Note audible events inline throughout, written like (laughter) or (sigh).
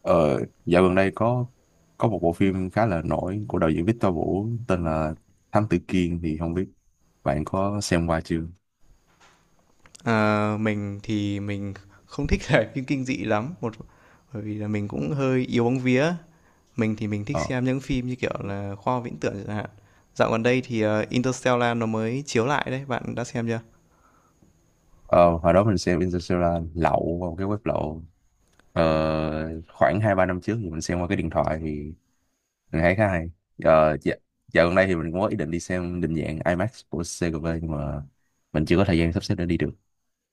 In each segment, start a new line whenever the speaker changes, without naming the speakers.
Ờ, Dạo gần đây có một bộ phim khá là nổi của đạo diễn Victor Vũ tên là Thám Tử Kiên thì không biết bạn có xem qua chưa?
Ờ, mình thì mình không thích (laughs) xem phim kinh dị lắm, một bởi vì là mình cũng hơi yếu bóng vía. Mình thì mình thích
Ờ,
xem những phim như kiểu là khoa học viễn tưởng chẳng hạn. Dạo gần đây thì Interstellar nó mới chiếu lại đấy, bạn đã xem chưa?
ờ Hồi đó mình xem Interstellar lậu qua một cái web lậu, khoảng hai ba năm trước thì mình xem qua cái điện thoại thì mình thấy khá hay. Dạ, dạo gần đây thì mình cũng có ý định đi xem định dạng IMAX của CGV nhưng mà mình chưa có thời gian sắp xếp để đi được.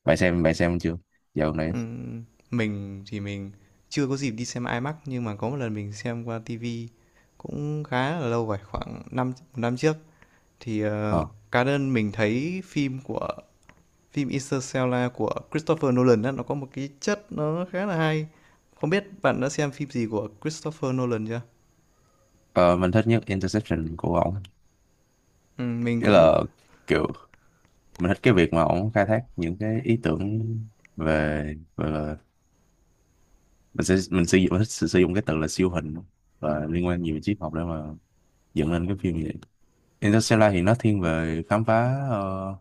Bạn xem chưa? Dạo gần đây.
Ừm, mình thì mình chưa có dịp đi xem IMAX nhưng mà có một lần mình xem qua TV cũng khá là lâu rồi, khoảng năm một năm trước thì
Ờ,
cá nhân mình thấy Phim Interstellar của Christopher Nolan đó nó có một cái chất nó khá là hay. Không biết bạn đã xem phim gì của Christopher Nolan chưa?
ờ, mình thích nhất Interception của ổng.
Ừ, mình
Nghĩa
cũng
là kiểu mình thích cái việc mà ổng khai thác những cái ý tưởng về, gọi là, mình thích sử sử dụng cái từ là siêu hình và liên quan nhiều đến triết học để mà dựng lên cái phim như vậy. Interstellar thì nó thiên về khám phá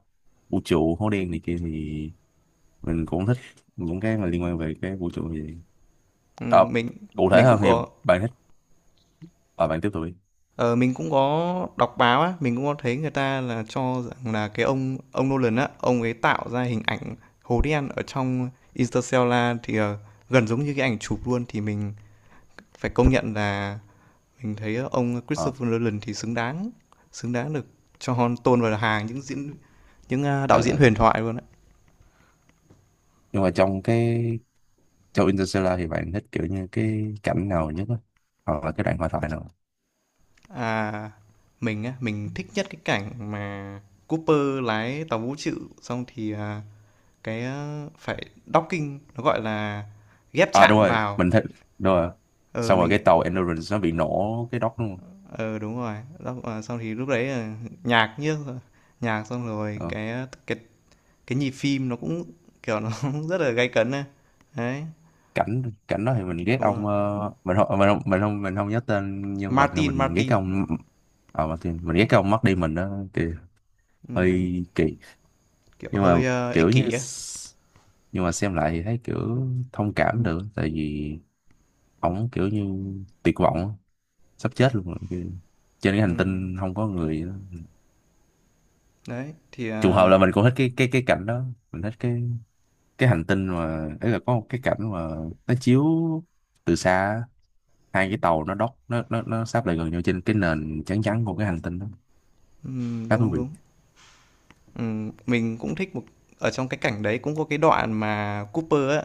vũ trụ hố đen này kia thì mình cũng thích những cái mà liên quan về cái vũ trụ như vậy.
ừ,
Ờ,
mình
Cụ thể
mình cũng
hơn thì
có
bạn thích, à, bạn tiếp tục đi.
ờ, mình cũng có đọc báo á, mình cũng có thấy người ta là cho rằng là cái ông Nolan á, ông ấy tạo ra hình ảnh hố đen ở trong Interstellar thì gần giống như cái ảnh chụp luôn thì mình phải công nhận là mình thấy ông
Ờ,
Christopher Nolan thì xứng đáng được cho tôn vào hàng những đạo
ờ,
diễn
ờ.
huyền thoại luôn đấy.
Nhưng mà trong Interstellar thì bạn thích kiểu như cái cảnh nào nhất á, hoặc là cái đoạn hội thoại nào?
À, mình á, mình thích nhất cái cảnh mà Cooper lái tàu vũ trụ xong thì phải docking nó gọi là ghép
À đúng
chạm
rồi,
vào.
mình thích, đúng rồi,
Ờ
xong rồi
mình
cái tàu Endurance nó bị nổ cái đốc đúng không?
ờ Đúng rồi. Đó, xong thì lúc đấy nhạc như xong rồi
Ờ.
cái ờ, cái nhịp phim nó cũng kiểu nó (laughs) rất là gay cấn. Đấy,
cảnh cảnh đó thì mình ghét
đúng rồi.
ông, mình không nhớ tên nhân vật nên
Martin,
mình ghét cái
Martin.
ông, ờ Martin, mình ghét cái ông mất đi mình đó kì,
Ừm,
hơi kỳ.
Kiểu
Nhưng mà
hơi, ơ,
kiểu
ích
như
kỷ á.
nhưng mà xem lại thì thấy kiểu thông cảm được, tại vì ổng kiểu như tuyệt vọng á, sắp chết luôn rồi. Kiểu trên cái hành
Ừm,
tinh không có người á.
Đấy, thì,
Trùng hợp là mình cũng thích cái cảnh đó. Mình thích cái hành tinh mà ấy, là có một cái cảnh mà nó chiếu từ xa á, hai cái tàu nó đóc nó sáp lại gần nhau trên cái nền trắng trắng của cái hành tinh đó, khá thú
đúng,
vị.
đúng. Mình cũng thích ở trong cái cảnh đấy cũng có cái đoạn mà Cooper á,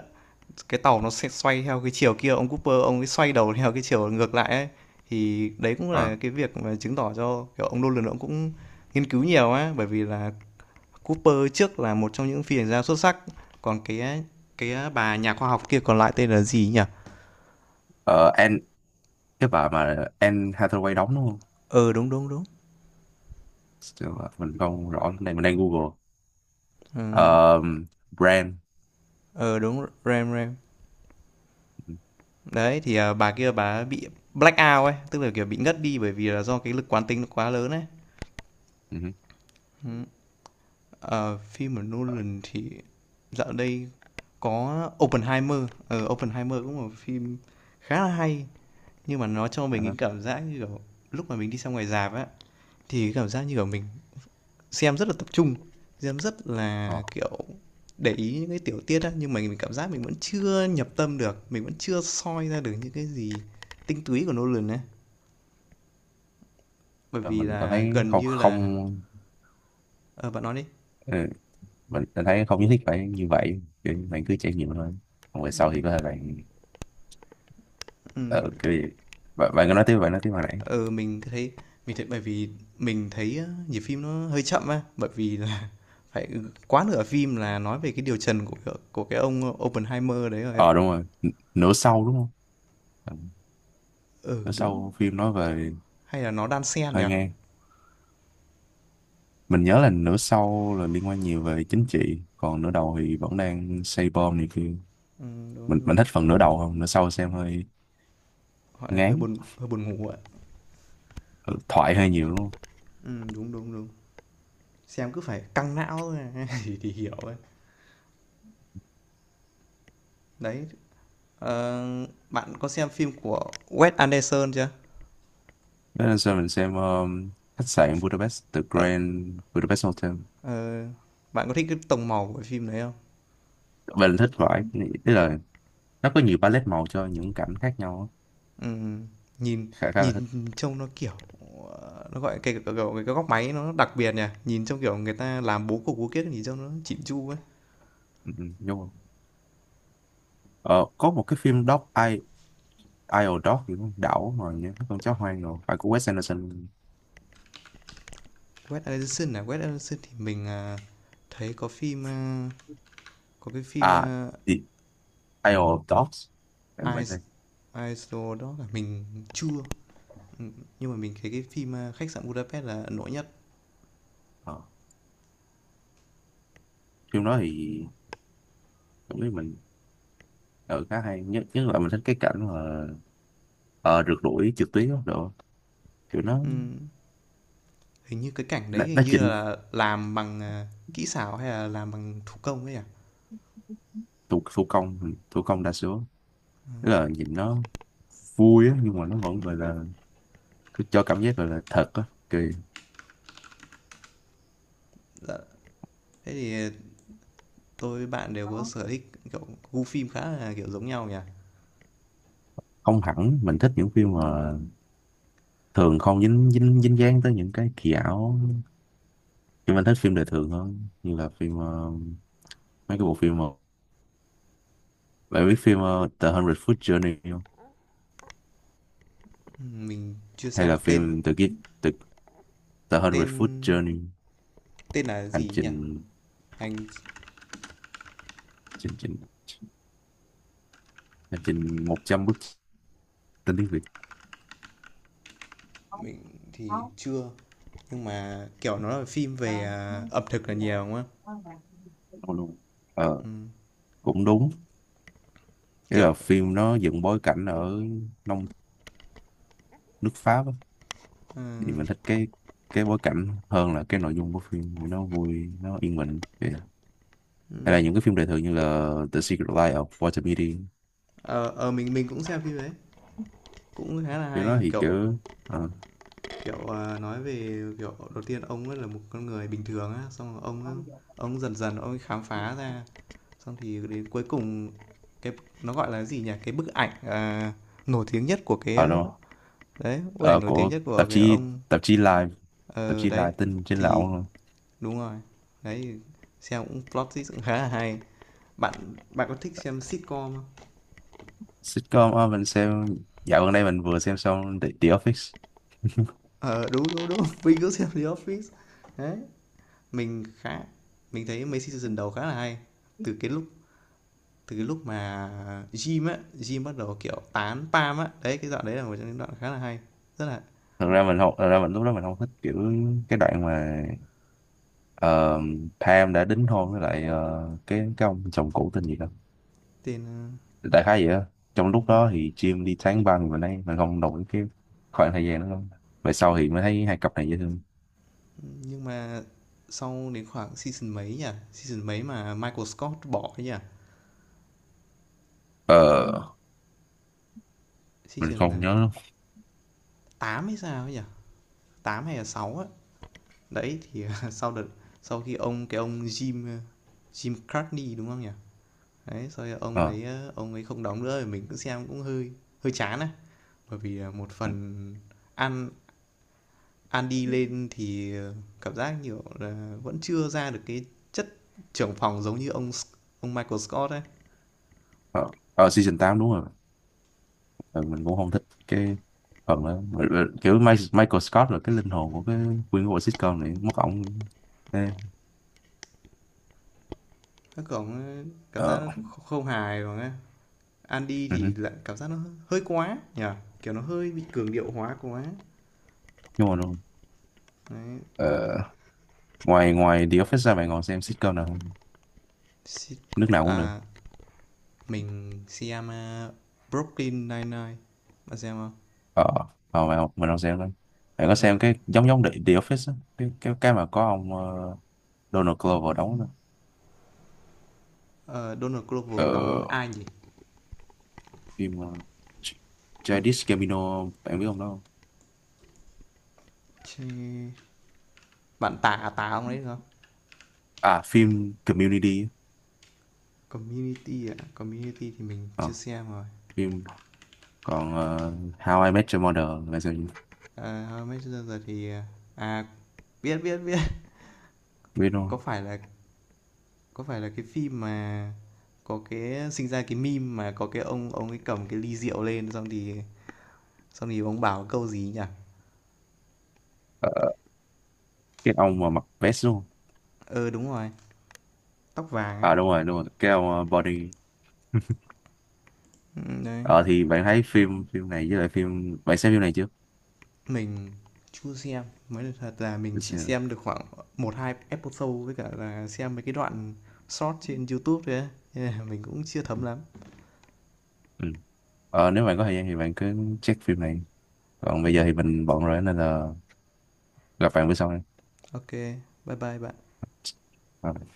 cái tàu nó sẽ xoay theo cái chiều kia, ông Cooper ông ấy xoay đầu theo cái chiều ngược lại ấy. Thì đấy cũng là
à,
cái việc mà chứng tỏ cho, kiểu, ông Nolan ông cũng nghiên cứu nhiều á, bởi vì là Cooper trước là một trong những phi hành gia xuất sắc, còn cái bà nhà khoa học kia còn lại tên là gì nhỉ?
ờ, Anne, cái bà mà Anne Hathaway đóng đúng không?
Ừ, đúng, đúng, đúng.
Chứ mà mình không rõ lắm. Đây mình đang Google.
Ờ.
Ờ, brand.
Ờ, đúng. RAM, RAM.
Ừ,
Đấy, thì, bà kia bà bị black out ấy, tức là, kiểu, bị ngất đi bởi vì là do cái lực quán tính nó quá lớn ấy.
ừ, ừ.
Ừm, Phim của Nolan thì dạo đây có Oppenheimer. Ờ, Oppenheimer cũng là một phim khá là hay, nhưng mà nó cho mình
Ờ,
những cảm giác như, kiểu, lúc mà mình đi xem ngoài rạp á, thì cái cảm giác như, kiểu, mình xem rất là tập trung, xem rất
ờ,
là, kiểu, để ý những cái tiểu tiết á, nhưng mà mình cảm giác mình vẫn chưa nhập tâm được, mình vẫn chưa soi ra được những cái gì tinh túy của Nolan ấy, bởi
ờ,
vì
mình cảm
là
thấy
gần
không,
như là
không.
ờ, bạn nói đi.
Ừ, mình thấy không nhất thiết phải như vậy. Kiểu như bạn cứ trải nghiệm thôi, còn về sau thì có thể bạn,
Ừm, ừ,
ờ, kiểu gì. Bạn, bạn cứ nói tiếp, hồi nãy.
ờ, mình thấy mình thấy bởi vì mình thấy á, nhịp phim nó hơi chậm á, bởi vì là (laughs) phải quá nửa phim là nói về cái điều trần của cái ông Oppenheimer đấy rồi ạ.
Ờ đúng rồi, nửa sau đúng không? Ừ,
Ừ,
nửa
đúng,
sau phim nói về,
hay là nó đan xen nhỉ?
hơi ngang, mình nhớ là nửa sau là liên quan nhiều về chính trị, còn nửa đầu thì vẫn đang xây bom này kia.
Đúng,
Mình
đúng,
thích phần nửa đầu hơn, nửa sau xem hơi
gọi
ngán.
hơi buồn ngủ ạ.
Ừ, thoại hơi nhiều đúng không?
Đúng, đúng, đúng. Xem cứ phải căng não thôi (laughs) thì hiểu ấy. Đấy, ờ, bạn có xem phim của Wes Anderson chưa?
Thế nên sao mình xem, khách
Cái
sạn
ph
Budapest, The
ờ,
Grand Budapest Hotel.
ờ, Bạn có thích cái tông màu của cái phim đấy không?
Mình thích thoại, tức là nó có nhiều palette màu cho những cảnh khác nhau á.
Ừm, nhìn
Khá Khá là
nhìn
thích.
trông nó, kiểu, nó, gọi, cái kiểu, cái góc máy nó đặc biệt nhỉ? Nhìn trông, kiểu, người ta làm bố cục bố kiếc nhìn trông nó chỉn chu ấy.
Ừ, ừ, đúng không? Ờ, có một cái phim Dog, Isle Dog thì con đảo rồi nhé, con chó hoang rồi phải, của Wes Anderson.
Wes Anderson à? Wes Anderson thì mình, thấy có cái phim,
À, The Isle of Dogs, em phải
Eyes
xem.
Eyes Jewel đó là mình chưa. Ừ, nhưng mà mình thấy cái phim, Khách sạn Budapest là ấn tượng nhất.
Ờ. Phim đó thì cảm thấy mình ở khá hay, nhất nhất là mình thích cái cảnh mà, ờ, rượt đuổi trượt tuyết đó đồ, kiểu nó
Ừm, Hình như cái cảnh đấy hình như
chỉnh
là làm bằng, kỹ xảo hay là làm bằng thủ công ấy nhỉ?
thủ, thủ công đa số, tức là nhìn nó vui á, nhưng mà nó vẫn gọi là cứ cho cảm giác gọi là thật á. Kỳ.
Dạ, thế thì, tôi với bạn đều có sở thích, kiểu, gu phim khá là, kiểu, giống nhau nhỉ?
Không hẳn, mình thích những phim mà thường không dính dính dính dáng tới những cái kỳ ảo, nhưng anh thích phim đời thường hơn, như là phim, mấy cái bộ phim mà, bạn biết phim The Hundred Foot Journey không?
Mình chưa
Hay
xem.
là
Tên
phim The, The Hundred Foot
tên
Journey,
tên là
hành
gì nhỉ?
trình,
anh
trình trình hành trình 100 bước, tên tiếng Việt
mình thì chưa, nhưng mà, kiểu, nó là phim về, ẩm thực là nhiều, đúng không?
luôn. ờ, Cũng đúng. Nghĩa
Kiểu,
là phim nó dựng bối cảnh ở nông nước Pháp á.
ờ,
Thì mình thích cái bối cảnh hơn là cái nội dung của phim, vì nó vui, nó yên bình vậy. Hay là
ừm,
những cái phim đời thường như là The Secret Life of Walter Mitty.
mình cũng xem phim đấy, cũng khá là
Cái đó
hay.
thì
Kiểu,
kiểu, ờ,
Kiểu, nói về, kiểu, đầu tiên ông ấy là một con người bình thường á, xong rồi ông dần dần ông ấy khám phá ra, xong thì đến cuối cùng cái nó gọi là gì nhỉ? Cái bức ảnh, nổi tiếng nhất của
đâu,
đấy, bức ảnh
ờ,
nổi tiếng
của
nhất của
tạp
cái
chí,
ông
Live, tạp
ờ,
chí
đấy,
Live tin trên
thì
lậu.
đúng rồi. Đấy, thì xem cũng plot twist cũng khá là hay. Bạn bạn có thích xem sitcom không?
Sitcom, mình xem, dạo gần đây mình vừa xem xong The Office.
Ờ, đúng, đúng, đúng, (laughs) mình cũng xem The Office. Đấy, mình khá mình thấy mấy season đầu khá là hay. Từ cái lúc Từ cái lúc mà Jim á, Jim bắt đầu kiểu tán Pam á, đấy cái đoạn đấy là một trong những đoạn khá là hay, rất là
Thật ra mình không, thật ra mình lúc đó mình không thích kiểu cái đoạn mà, ờ, Pam đã đính hôn với lại, cái ông chồng cũ tên gì đó,
tên ờ,
đại khái vậy đó. Trong lúc
ừ.
đó thì Jim đi tán băng, và đây mình không đồng ý cái khoảng thời gian đó lắm. Về sau thì mới thấy hai cặp này dễ thương.
Nhưng mà sau đến khoảng season mấy mà Michael Scott bỏ ấy nhỉ,
Ờ mình
season
không
là
nhớ lắm.
8 hay sao ấy nhỉ, 8 hay là 6 á, đấy thì (laughs) sau đợt sau khi ông cái ông Jim Jim Cartney đúng không nhỉ, đấy sau đó ông
Ờ
đấy ông ấy không đóng nữa thì mình cũng xem cũng hơi hơi chán á, bởi vì một phần ăn ăn đi lên thì cảm giác, nhiều là, vẫn chưa ra được cái chất trưởng phòng giống như ông Michael Scott ấy.
ờ, ờ, season 8 đúng rồi. Ừ, mình cũng không thích cái phần đó. Mà kiểu Michael Scott là cái linh hồn của cái, nguyên của bộ sitcom này, mất ổng. Ê,
Các cổng Cảm giác
ờ,
nó kh không hài bằng á. Andy
ừ,
thì
hứ,
lại cảm giác nó hơi quá nhỉ? Kiểu nó hơi bị cường điệu hóa quá.
đúng rồi, đúng rồi.
Đấy,
Ờ, ngoài ngoài The Office ra bạn còn xem sitcom nào không, nước nào cũng được.
à, mình xem, Brooklyn Nine-Nine, bạn xem không?
Ờ, ờ bạn mình không xem lắm. Bạn có
Ờ,
xem cái giống giống The Office á, cái mà có ông, Donald Glover đóng đó.
ờ, Donald Glover đóng
Ờ
ai nhỉ?
phim, Ch- Childish Gambino bạn biết ông đó không?
Tà ông đấy đúng không?
À phim Community á.
Community ạ, à? Community thì mình
Ờ,
chưa xem rồi.
phim, còn How I Met Your Mother là sao,
À, How I thì à à, biết biết biết.
biết
(laughs)
luôn.
Có phải là có phải là cái phim mà có cái sinh ra cái meme mà có cái ông ấy cầm cái ly rượu lên xong thì ông bảo câu gì nhỉ?
Ờ, cái ông mà mặc vest luôn.
Ờ đúng rồi, tóc vàng ấy.
À đúng rồi, đúng rồi, cái ông, body. (laughs)
Ừ, đấy,
Ờ thì bạn thấy phim, phim này với lại phim bạn xem phim này chưa?
mình chưa xem. Mới là thật là mình
Để
chỉ
xem.
xem được khoảng một hai episode với cả là xem mấy cái đoạn short trên YouTube thôi ấy. Nên là mình cũng chưa thấm lắm.
Ừ. Ờ, nếu bạn có thời gian thì bạn cứ check phim này, còn bây giờ thì mình bận rồi nên là gặp bạn bữa sau nha.
Ok, bye bye bạn.
Bye bye.